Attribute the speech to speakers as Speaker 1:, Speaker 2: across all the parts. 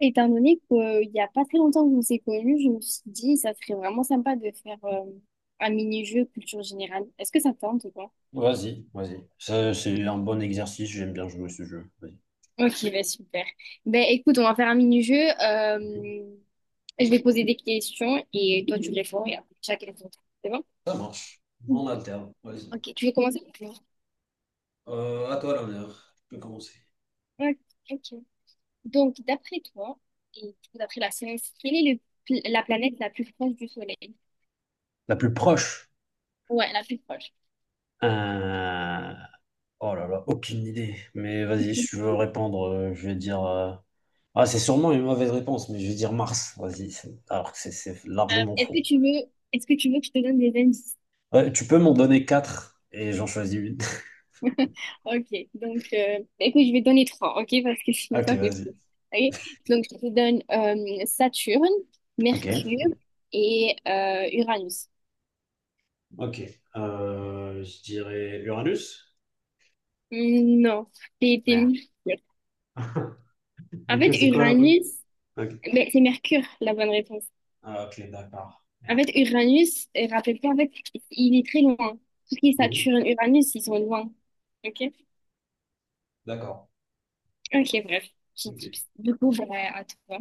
Speaker 1: Étant donné qu'il n'y a pas très longtemps que vous s'est connus, je me suis dit, ça serait vraiment sympa de faire un mini-jeu culture générale. Est-ce que ça te tente ou pas?
Speaker 2: Vas-y, vas-y. Ça, c'est un bon exercice, j'aime bien jouer ce jeu. Vas-y.
Speaker 1: Ok, bah super. Ben écoute, on va faire un mini-jeu.
Speaker 2: Mhm.
Speaker 1: Je vais poser des questions et toi tu réponds et après chacun son tour. C'est bon?
Speaker 2: Ça marche.
Speaker 1: Mm.
Speaker 2: On alterne. Vas-y.
Speaker 1: Ok, tu veux commencer? Ok.
Speaker 2: À toi l'honneur. Tu peux commencer.
Speaker 1: Ok. Donc, d'après toi, et du coup, d'après la science, quelle est la planète la plus proche du Soleil?
Speaker 2: La plus proche.
Speaker 1: Ouais, la plus proche.
Speaker 2: Euh, Oh là là, aucune idée. Mais vas-y, si tu veux répondre, je vais dire. Ah, c'est sûrement une mauvaise réponse, mais je vais dire Mars. Vas-y, alors que c'est largement
Speaker 1: Est-ce que
Speaker 2: faux.
Speaker 1: tu veux, est-ce que tu veux que je te donne des indices?
Speaker 2: Ouais, tu peux m'en donner quatre et j'en choisis une.
Speaker 1: Ok, donc bah, écoute, je vais donner trois, ok, parce que sinon
Speaker 2: Ok,
Speaker 1: ça fait trop.
Speaker 2: vas-y.
Speaker 1: Ok, donc je te donne Saturne,
Speaker 2: Ok.
Speaker 1: Mercure et Uranus.
Speaker 2: Ok. Je dirais Uranus.
Speaker 1: Hmm, non, c'était
Speaker 2: Merde.
Speaker 1: Mercure. En
Speaker 2: Du
Speaker 1: fait,
Speaker 2: coup, c'est quoi là?
Speaker 1: Uranus,
Speaker 2: Ok.
Speaker 1: ben, c'est Mercure la bonne réponse.
Speaker 2: Ah, ok, d'accord.
Speaker 1: En
Speaker 2: Merde.
Speaker 1: fait, Uranus, rappelle-toi, en fait, il est très loin. Tout ce qui est
Speaker 2: Mhm.
Speaker 1: Saturne, Uranus, ils sont loin. Ok,
Speaker 2: D'accord.
Speaker 1: ok, bref, petit
Speaker 2: Ok.
Speaker 1: tips. Du coup, ben, à toi.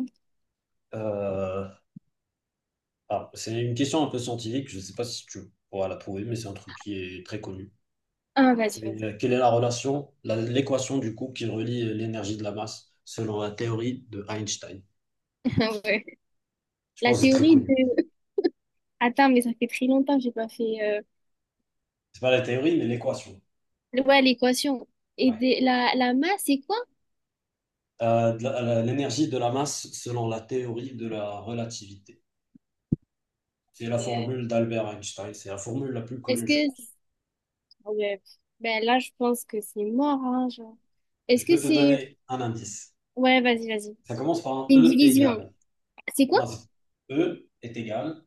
Speaker 2: Euh, alors, c'est une question un peu scientifique, je ne sais pas si tu pourras la trouver, mais c'est un truc qui est très connu.
Speaker 1: Ah, vas-y,
Speaker 2: Et,
Speaker 1: vas-y.
Speaker 2: quelle est la relation, l'équation du coup qui relie l'énergie de la masse selon la théorie de Einstein?
Speaker 1: Ouais.
Speaker 2: Je
Speaker 1: La
Speaker 2: pense que c'est très
Speaker 1: théorie
Speaker 2: connu.
Speaker 1: de... Attends, mais ça fait très longtemps que j'ai pas fait...
Speaker 2: C'est pas la théorie, mais l'équation.
Speaker 1: ouais, l'équation.
Speaker 2: Ouais.
Speaker 1: La masse, c'est quoi?
Speaker 2: De l'énergie de la masse selon la théorie de la relativité. C'est la
Speaker 1: Euh,
Speaker 2: formule d'Albert Einstein. C'est la formule la plus
Speaker 1: Est-ce
Speaker 2: connue,
Speaker 1: que...
Speaker 2: je pense.
Speaker 1: ouais. Ben là, je pense que c'est mort, hein, genre.
Speaker 2: Je
Speaker 1: Est-ce que
Speaker 2: peux te
Speaker 1: c'est...
Speaker 2: donner un indice.
Speaker 1: Ouais, vas-y, vas-y.
Speaker 2: Ça commence par un
Speaker 1: Une
Speaker 2: E
Speaker 1: division.
Speaker 2: égal.
Speaker 1: C'est
Speaker 2: Non,
Speaker 1: quoi?
Speaker 2: E est égal.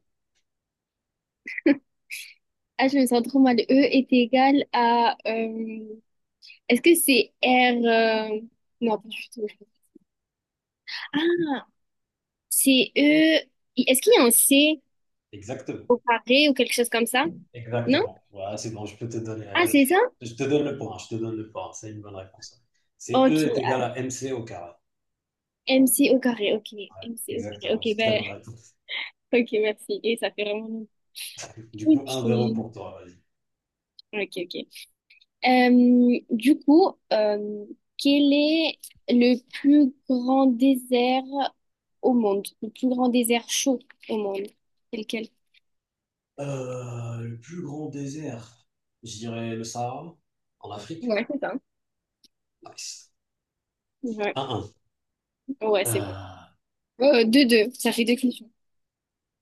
Speaker 1: Ah, je me sens trop mal. E est égal à... est-ce que c'est R... euh, non, pas du tout. Ah, c'est E... Est-ce qu'il y a un C
Speaker 2: Exactement.
Speaker 1: carré ou quelque chose comme ça? Non?
Speaker 2: Exactement. Voilà, c'est bon, je peux te donner.
Speaker 1: Ah, c'est ça?
Speaker 2: Je te donne le point. Je te donne le point. C'est une bonne réponse. C'est
Speaker 1: Ok.
Speaker 2: E est égal à MC au carré.
Speaker 1: M c au carré, ok. M c au carré,
Speaker 2: Exactement. C'est
Speaker 1: ok,
Speaker 2: très
Speaker 1: ben...
Speaker 2: bonne réponse.
Speaker 1: Ok, merci. Et ça fait vraiment...
Speaker 2: Du coup,
Speaker 1: Ok.
Speaker 2: 1-0 pour toi. Vas-y.
Speaker 1: Ok, ok. Euh, du coup, euh, quel est le plus grand désert au monde? Le plus grand désert chaud au monde? C'est lequel?
Speaker 2: Le plus grand désert, je dirais le Sahara, en Afrique.
Speaker 1: Ouais, c'est ça.
Speaker 2: Nice.
Speaker 1: Ouais,
Speaker 2: 1-1.
Speaker 1: ouais, c'est bon.
Speaker 2: Euh,
Speaker 1: Deux, deux. Ça fait deux questions.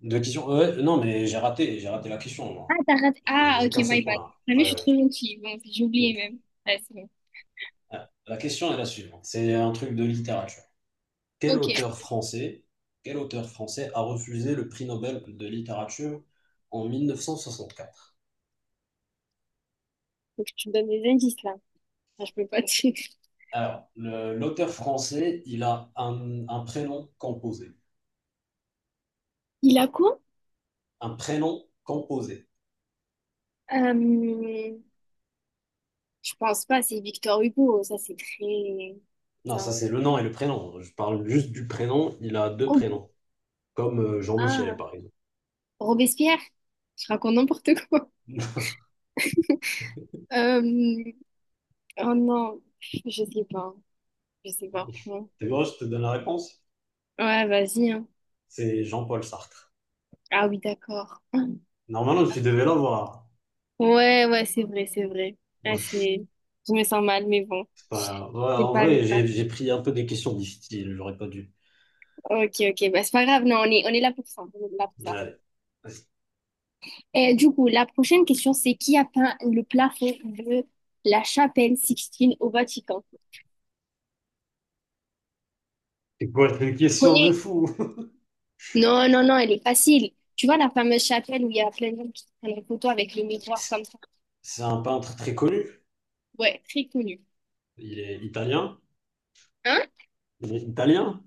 Speaker 2: Deux questions. Ouais, non, mais j'ai raté. J'ai raté la question,
Speaker 1: Ah,
Speaker 2: moi.
Speaker 1: t'as raté.
Speaker 2: J'ai
Speaker 1: Ah,
Speaker 2: j'ai
Speaker 1: ok,
Speaker 2: qu'un seul
Speaker 1: my bad.
Speaker 2: point.
Speaker 1: Ah, mais je
Speaker 2: Ouais,
Speaker 1: suis
Speaker 2: ouais.
Speaker 1: trop gentille. Bon, j'ai oublié
Speaker 2: Ok.
Speaker 1: même. Ouais, c'est bon.
Speaker 2: Ah, la question est la suivante. C'est un truc de littérature. Quel
Speaker 1: Ok.
Speaker 2: auteur français, quel auteur français a refusé le prix Nobel de littérature en 1964?
Speaker 1: Faut que tu me donnes des indices, là. Enfin, je peux pas te...
Speaker 2: Alors, l'auteur français, il a un prénom composé.
Speaker 1: Il a quoi?
Speaker 2: Un prénom composé.
Speaker 1: Euh, je pense pas, c'est Victor Hugo. Ça, c'est très...
Speaker 2: Non, ça
Speaker 1: Ça...
Speaker 2: c'est le nom et le prénom. Je parle juste du prénom. Il a deux
Speaker 1: Oh.
Speaker 2: prénoms, comme Jean-Michel,
Speaker 1: Ah.
Speaker 2: par exemple.
Speaker 1: Robespierre? Je raconte n'importe quoi. Euh, oh non, je sais pas. Je sais pas, franchement.
Speaker 2: Tu vois, je te donne la réponse.
Speaker 1: Ouais, vas-y, hein.
Speaker 2: C'est Jean-Paul Sartre.
Speaker 1: Ah oui, d'accord.
Speaker 2: Normalement, tu devais l'avoir.
Speaker 1: Ouais, ouais, c'est vrai, c'est vrai. Ah, c'est... Je me sens mal, mais bon.
Speaker 2: C'est Ouais,
Speaker 1: C'est
Speaker 2: en
Speaker 1: pas
Speaker 2: vrai,
Speaker 1: grave.
Speaker 2: j'ai pris un peu des questions difficiles, j'aurais pas dû.
Speaker 1: Ok, ok, bah, c'est pas grave. Non, on est là pour ça. On est là pour ça.
Speaker 2: Ouais.
Speaker 1: Et du coup, la prochaine question, c'est qui a peint le plafond de la chapelle Sixtine au Vatican?
Speaker 2: C'est quoi, c'est une question de
Speaker 1: Connais?
Speaker 2: fou?
Speaker 1: Non, non, non, elle est facile. Tu vois la fameuse chapelle où il y a plein de gens qui prennent une photo avec le miroir
Speaker 2: C'est
Speaker 1: comme ça?
Speaker 2: c'est un peintre très connu.
Speaker 1: Ouais, très connu.
Speaker 2: Il est italien.
Speaker 1: Hein?
Speaker 2: Il est italien?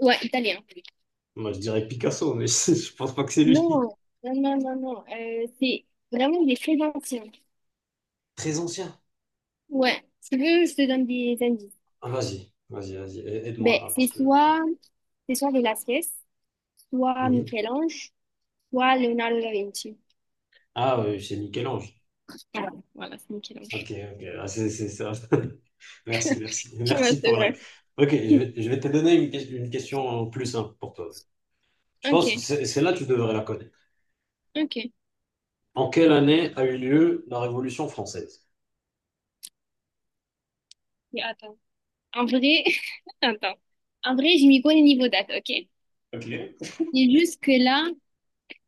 Speaker 1: Ouais, italien.
Speaker 2: Moi, je dirais Picasso, mais je pense pas que c'est
Speaker 1: Non,
Speaker 2: lui.
Speaker 1: non, non, non, non. C'est vraiment, il est très ancien.
Speaker 2: Très ancien.
Speaker 1: Ouais, si tu veux, je te donne des indices.
Speaker 2: Ah, vas-y, vas-y, vas-y, aide-moi,
Speaker 1: Ben,
Speaker 2: là,
Speaker 1: c'est
Speaker 2: parce que...
Speaker 1: soit, c'est soit Velázquez, soit
Speaker 2: Mhm.
Speaker 1: Michel-Ange, soit Leonardo da Vinci.
Speaker 2: Ah, oui, c'est Michel-Ange.
Speaker 1: Voilà, voilà, c'est Michel-Ange.
Speaker 2: Ok, ok, ah, c'est ça. Merci, merci.
Speaker 1: Tu vois
Speaker 2: Merci
Speaker 1: c'est
Speaker 2: pour la...
Speaker 1: vrai.
Speaker 2: Ok, je vais, je vais te donner une question plus simple pour toi. Je pense que
Speaker 1: Ok,
Speaker 2: c'est là que tu devrais la connaître.
Speaker 1: ok.
Speaker 2: En quelle année a eu lieu la Révolution française?
Speaker 1: Mais attends. En vrai, attends. En vrai, je m'y connais niveau date, ok?
Speaker 2: Ok.
Speaker 1: C'est juste que là,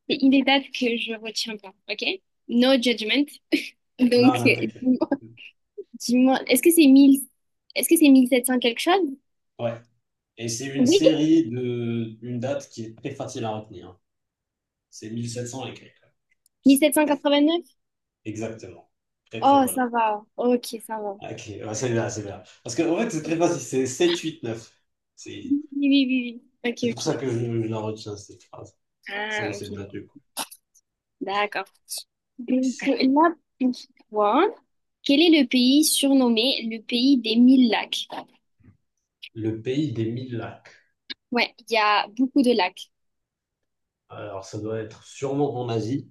Speaker 1: il y a des dates que je retiens pas, ok? No judgment.
Speaker 2: Non,
Speaker 1: Donc,
Speaker 2: non, t'inquiète.
Speaker 1: euh, dis-moi, est-ce que c'est 1700 quelque chose?
Speaker 2: Ouais. Et c'est une
Speaker 1: Oui,
Speaker 2: série de une date qui est très facile à retenir, hein. C'est 1700 et quelques.
Speaker 1: 1789.
Speaker 2: Exactement. Très, très
Speaker 1: Oh,
Speaker 2: bonne.
Speaker 1: ça va. Ok, ça va.
Speaker 2: Ok, ouais, c'est bien, c'est bien. Parce que, en fait, c'est très facile. C'est 7, 8, 9. C'est
Speaker 1: Oui, oui, oui, oui.
Speaker 2: c'est
Speaker 1: Ok,
Speaker 2: pour ça
Speaker 1: ok.
Speaker 2: que je la retiens, cette phrase. C'est
Speaker 1: Ah,
Speaker 2: cette
Speaker 1: ok.
Speaker 2: date du coup.
Speaker 1: D'accord. Donc
Speaker 2: Nice.
Speaker 1: là, pour toi, quel est le pays surnommé le pays des mille lacs?
Speaker 2: Le pays des mille lacs.
Speaker 1: Ouais, il y a beaucoup de lacs.
Speaker 2: Alors, ça doit être sûrement en Asie,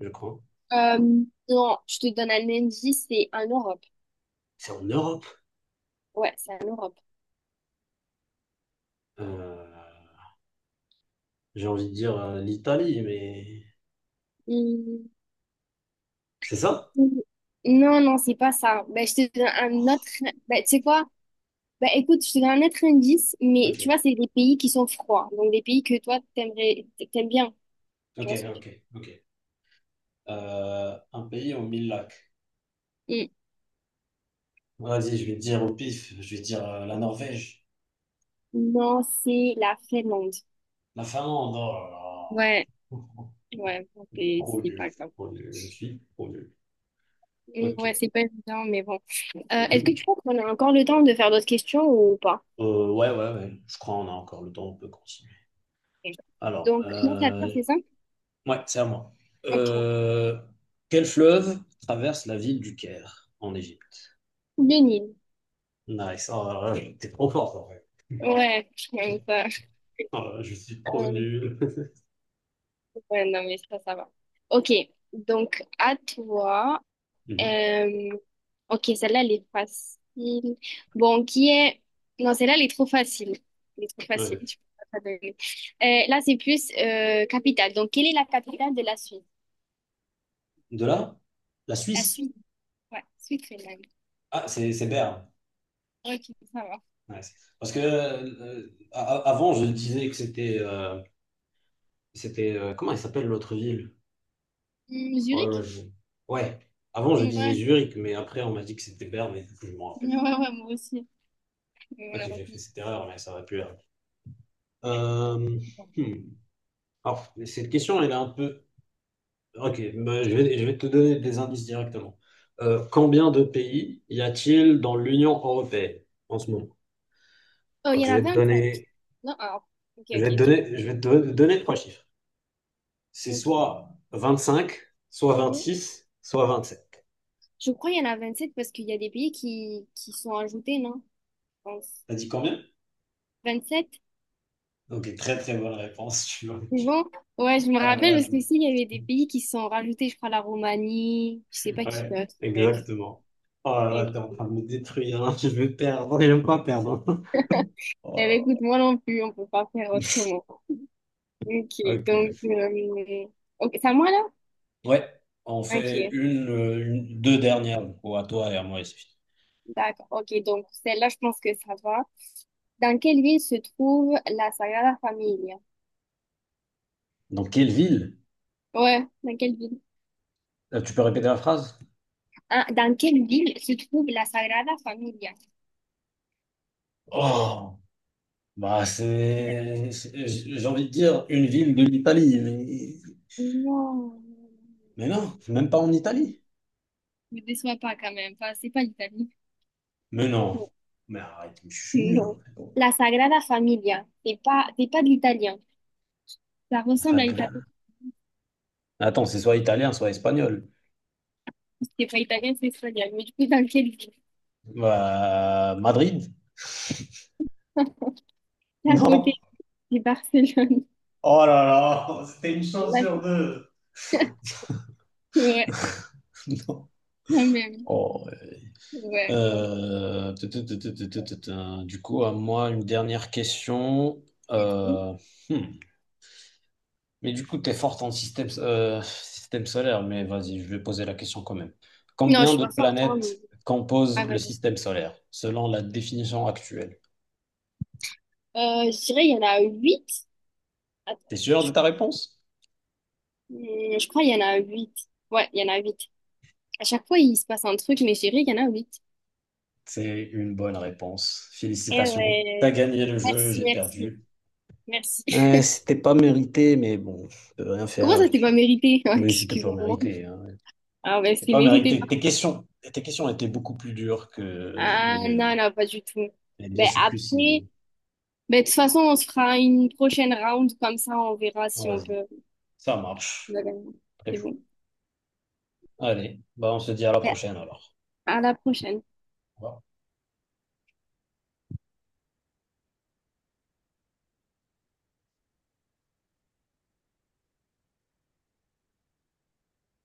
Speaker 2: je crois.
Speaker 1: Euh, non, je te donne un indice, c'est en Europe.
Speaker 2: C'est en Europe.
Speaker 1: Ouais, c'est en Europe.
Speaker 2: Euh, j'ai envie de dire l'Italie, mais
Speaker 1: Hum,
Speaker 2: c'est ça?
Speaker 1: Non, non, c'est pas ça. Ben, je te donne un autre. Ben, tu sais quoi? Bah écoute, je te donne un autre indice, mais tu vois,
Speaker 2: Ok,
Speaker 1: c'est des pays qui sont froids, donc des pays que toi, t'aimerais, t'aimes bien. Tu
Speaker 2: ok,
Speaker 1: vois ce que je veux
Speaker 2: ok, ok. Un pays aux mille lacs.
Speaker 1: dire?
Speaker 2: Vas-y, je vais te dire au pif, je vais te dire la Norvège,
Speaker 1: Mm. Non, c'est la Finlande.
Speaker 2: La Finlande, oh là
Speaker 1: Ouais,
Speaker 2: là.
Speaker 1: ouais, bon, c'est
Speaker 2: Trop
Speaker 1: c'est
Speaker 2: nul.
Speaker 1: pas grave.
Speaker 2: Trop nul, je suis trop nul.
Speaker 1: Mm, ouais,
Speaker 2: Ok.
Speaker 1: c'est pas évident, mais bon. Est-ce que tu penses qu'on a encore le temps de faire d'autres questions ou pas?
Speaker 2: Ouais, ouais, ouais, je crois qu'on a encore le temps, on peut continuer. Alors,
Speaker 1: Donc, non, ça pire, c'est ça?
Speaker 2: ouais, c'est à moi.
Speaker 1: Ok.
Speaker 2: Euh, Quel fleuve traverse la ville du Caire en Égypte?
Speaker 1: Le Nil.
Speaker 2: Nice, oh là là, t'es trop fort en fait.
Speaker 1: Ouais, ça.
Speaker 2: Oh là là, je suis trop
Speaker 1: Euh,
Speaker 2: nul.
Speaker 1: ouais, non, mais ça va. Ok, donc à toi.
Speaker 2: Mhm.
Speaker 1: Euh, ok, celle-là, elle est facile. Bon, qui est... Non, celle-là, elle est trop facile. Elle est trop facile,
Speaker 2: Ouais.
Speaker 1: tu peux pas te donner. Là, c'est plus capitale. Donc, quelle est la capitale de la Suisse?
Speaker 2: De là, la
Speaker 1: La
Speaker 2: Suisse.
Speaker 1: Suisse. Ouais, Suisse finlande.
Speaker 2: Ah, c'est Berne.
Speaker 1: Ok, ça va.
Speaker 2: Ouais, parce que avant, je disais que c'était c'était comment il s'appelle l'autre ville?
Speaker 1: Hmm,
Speaker 2: Oh là
Speaker 1: Zurich?
Speaker 2: je- Ouais. Avant, je disais
Speaker 1: Ouais.
Speaker 2: Zurich, mais après, on m'a dit que c'était Berne, mais du coup, je m'en rappelle.
Speaker 1: Ouais, ouais, ouais, moi aussi. Mais on
Speaker 2: Ok,
Speaker 1: l'a
Speaker 2: j'ai fait
Speaker 1: retenu.
Speaker 2: cette erreur, mais ça aurait pu être.
Speaker 1: Ouais, donc,
Speaker 2: Euh,
Speaker 1: bon.
Speaker 2: hmm. Alors, cette question, elle est un peu. Ok, bah, je vais te donner des indices directement. Combien de pays y a-t-il dans l'Union européenne en ce moment?
Speaker 1: Oh, il
Speaker 2: Donc,
Speaker 1: y en a 25. Non, ah, ok, ok, dis-moi.
Speaker 2: Je vais te donner trois chiffres. C'est
Speaker 1: Ok.
Speaker 2: soit 25, soit
Speaker 1: Mhm.
Speaker 2: 26, soit 27.
Speaker 1: Je crois qu'il y en a 27 parce qu'il y a des pays qui sont ajoutés, non? Je pense.
Speaker 2: T'as dit combien?
Speaker 1: 27?
Speaker 2: Ok, très très bonne réponse, tu vois.
Speaker 1: Bon, ouais, je me
Speaker 2: Ah là
Speaker 1: rappelle
Speaker 2: là,
Speaker 1: parce qu'ici, il y avait des pays qui se sont rajoutés, je crois, la Roumanie, je sais pas qui
Speaker 2: ouais,
Speaker 1: d'autre. Bref.
Speaker 2: exactement. Oh là
Speaker 1: Et
Speaker 2: là, t'es
Speaker 1: puis,
Speaker 2: en train de me détruire, hein. Je vais perdre. J'aime pas perdre. Hein. Oh
Speaker 1: eh
Speaker 2: là
Speaker 1: ben, écoute, moi non plus, on peut pas faire autrement. Ok,
Speaker 2: là. Ok.
Speaker 1: donc, ok, c'est à moi là?
Speaker 2: Ouais, on fait
Speaker 1: Ok,
Speaker 2: deux dernières, du coup, à toi et à moi ici.
Speaker 1: d'accord. Ok, donc celle-là, je pense que ça va. Dans quelle ville se trouve la Sagrada Familia?
Speaker 2: Dans quelle ville?
Speaker 1: Ouais, dans quelle ville?
Speaker 2: Tu peux répéter la phrase?
Speaker 1: Ah, dans quelle ville se trouve la Sagrada Familia?
Speaker 2: Oh, bah j'ai envie de dire une ville de l'Italie.
Speaker 1: Non,
Speaker 2: Mais non, même pas en
Speaker 1: ne
Speaker 2: Italie.
Speaker 1: me déçois pas quand même. Enfin, c'est pas l'Italie.
Speaker 2: Mais non. Mais arrête, je suis nul, en
Speaker 1: Non.
Speaker 2: fait. Bon.
Speaker 1: La Sagrada Familia, c'est pas de l'italien. Ça ressemble
Speaker 2: Enfin
Speaker 1: à l'italien.
Speaker 2: que- Attends, c'est soit italien, soit espagnol.
Speaker 1: C'est pas italien, c'est espagnol. Mais du coup, dans quelle ville?
Speaker 2: Madrid?
Speaker 1: C'est à côté,
Speaker 2: Non.
Speaker 1: c'est Barcelone.
Speaker 2: Oh là là, c'était une chance
Speaker 1: Là,
Speaker 2: sur
Speaker 1: c'est-
Speaker 2: deux.
Speaker 1: ouais,
Speaker 2: Non.
Speaker 1: quand même.
Speaker 2: Oh, ouais.
Speaker 1: Ouais, donc.
Speaker 2: Du coup, à moi, une dernière question.
Speaker 1: euh,
Speaker 2: Euh, hmm. Mais du coup, tu es forte en système solaire, mais vas-y, je vais poser la question quand même.
Speaker 1: Non, je
Speaker 2: Combien
Speaker 1: suis
Speaker 2: de
Speaker 1: pas forte, hein, mais-
Speaker 2: planètes composent
Speaker 1: Ah,
Speaker 2: le
Speaker 1: vas-y.
Speaker 2: système solaire, selon la définition actuelle?
Speaker 1: Je dirais, il y en a huit. Attends,
Speaker 2: T'es sûr de
Speaker 1: je,
Speaker 2: ta réponse?
Speaker 1: je crois qu'il y en a huit. Ouais, il y en a huit. À chaque fois, il se passe un truc, mais je dirais, il y en a huit.
Speaker 2: C'est une bonne réponse.
Speaker 1: Eh
Speaker 2: Félicitations. T'as
Speaker 1: ouais.
Speaker 2: gagné le jeu,
Speaker 1: Merci,
Speaker 2: j'ai
Speaker 1: merci,
Speaker 2: perdu.
Speaker 1: merci.
Speaker 2: C'était pas mérité, mais bon, je peux rien
Speaker 1: Comment
Speaker 2: faire.
Speaker 1: ça, t'es pas mérité?
Speaker 2: Mais c'était pas
Speaker 1: Excuse-moi.
Speaker 2: mérité, hein.
Speaker 1: Ah ben,
Speaker 2: C'était
Speaker 1: c'est
Speaker 2: pas
Speaker 1: mérité.
Speaker 2: mérité. Tes questions étaient beaucoup plus dures que
Speaker 1: Ah
Speaker 2: les
Speaker 1: non,
Speaker 2: miennes.
Speaker 1: non, pas du tout.
Speaker 2: Et bien
Speaker 1: Ben
Speaker 2: sûr que si.
Speaker 1: après, ben, de toute façon, on se fera une prochaine round, comme ça on verra si on
Speaker 2: Vas-y,
Speaker 1: peut
Speaker 2: ça marche.
Speaker 1: la gagner.
Speaker 2: Très
Speaker 1: C'est
Speaker 2: chaud.
Speaker 1: bon.
Speaker 2: Allez, bah on se dit à la
Speaker 1: Ben,
Speaker 2: prochaine alors.
Speaker 1: à la prochaine.
Speaker 2: Au revoir.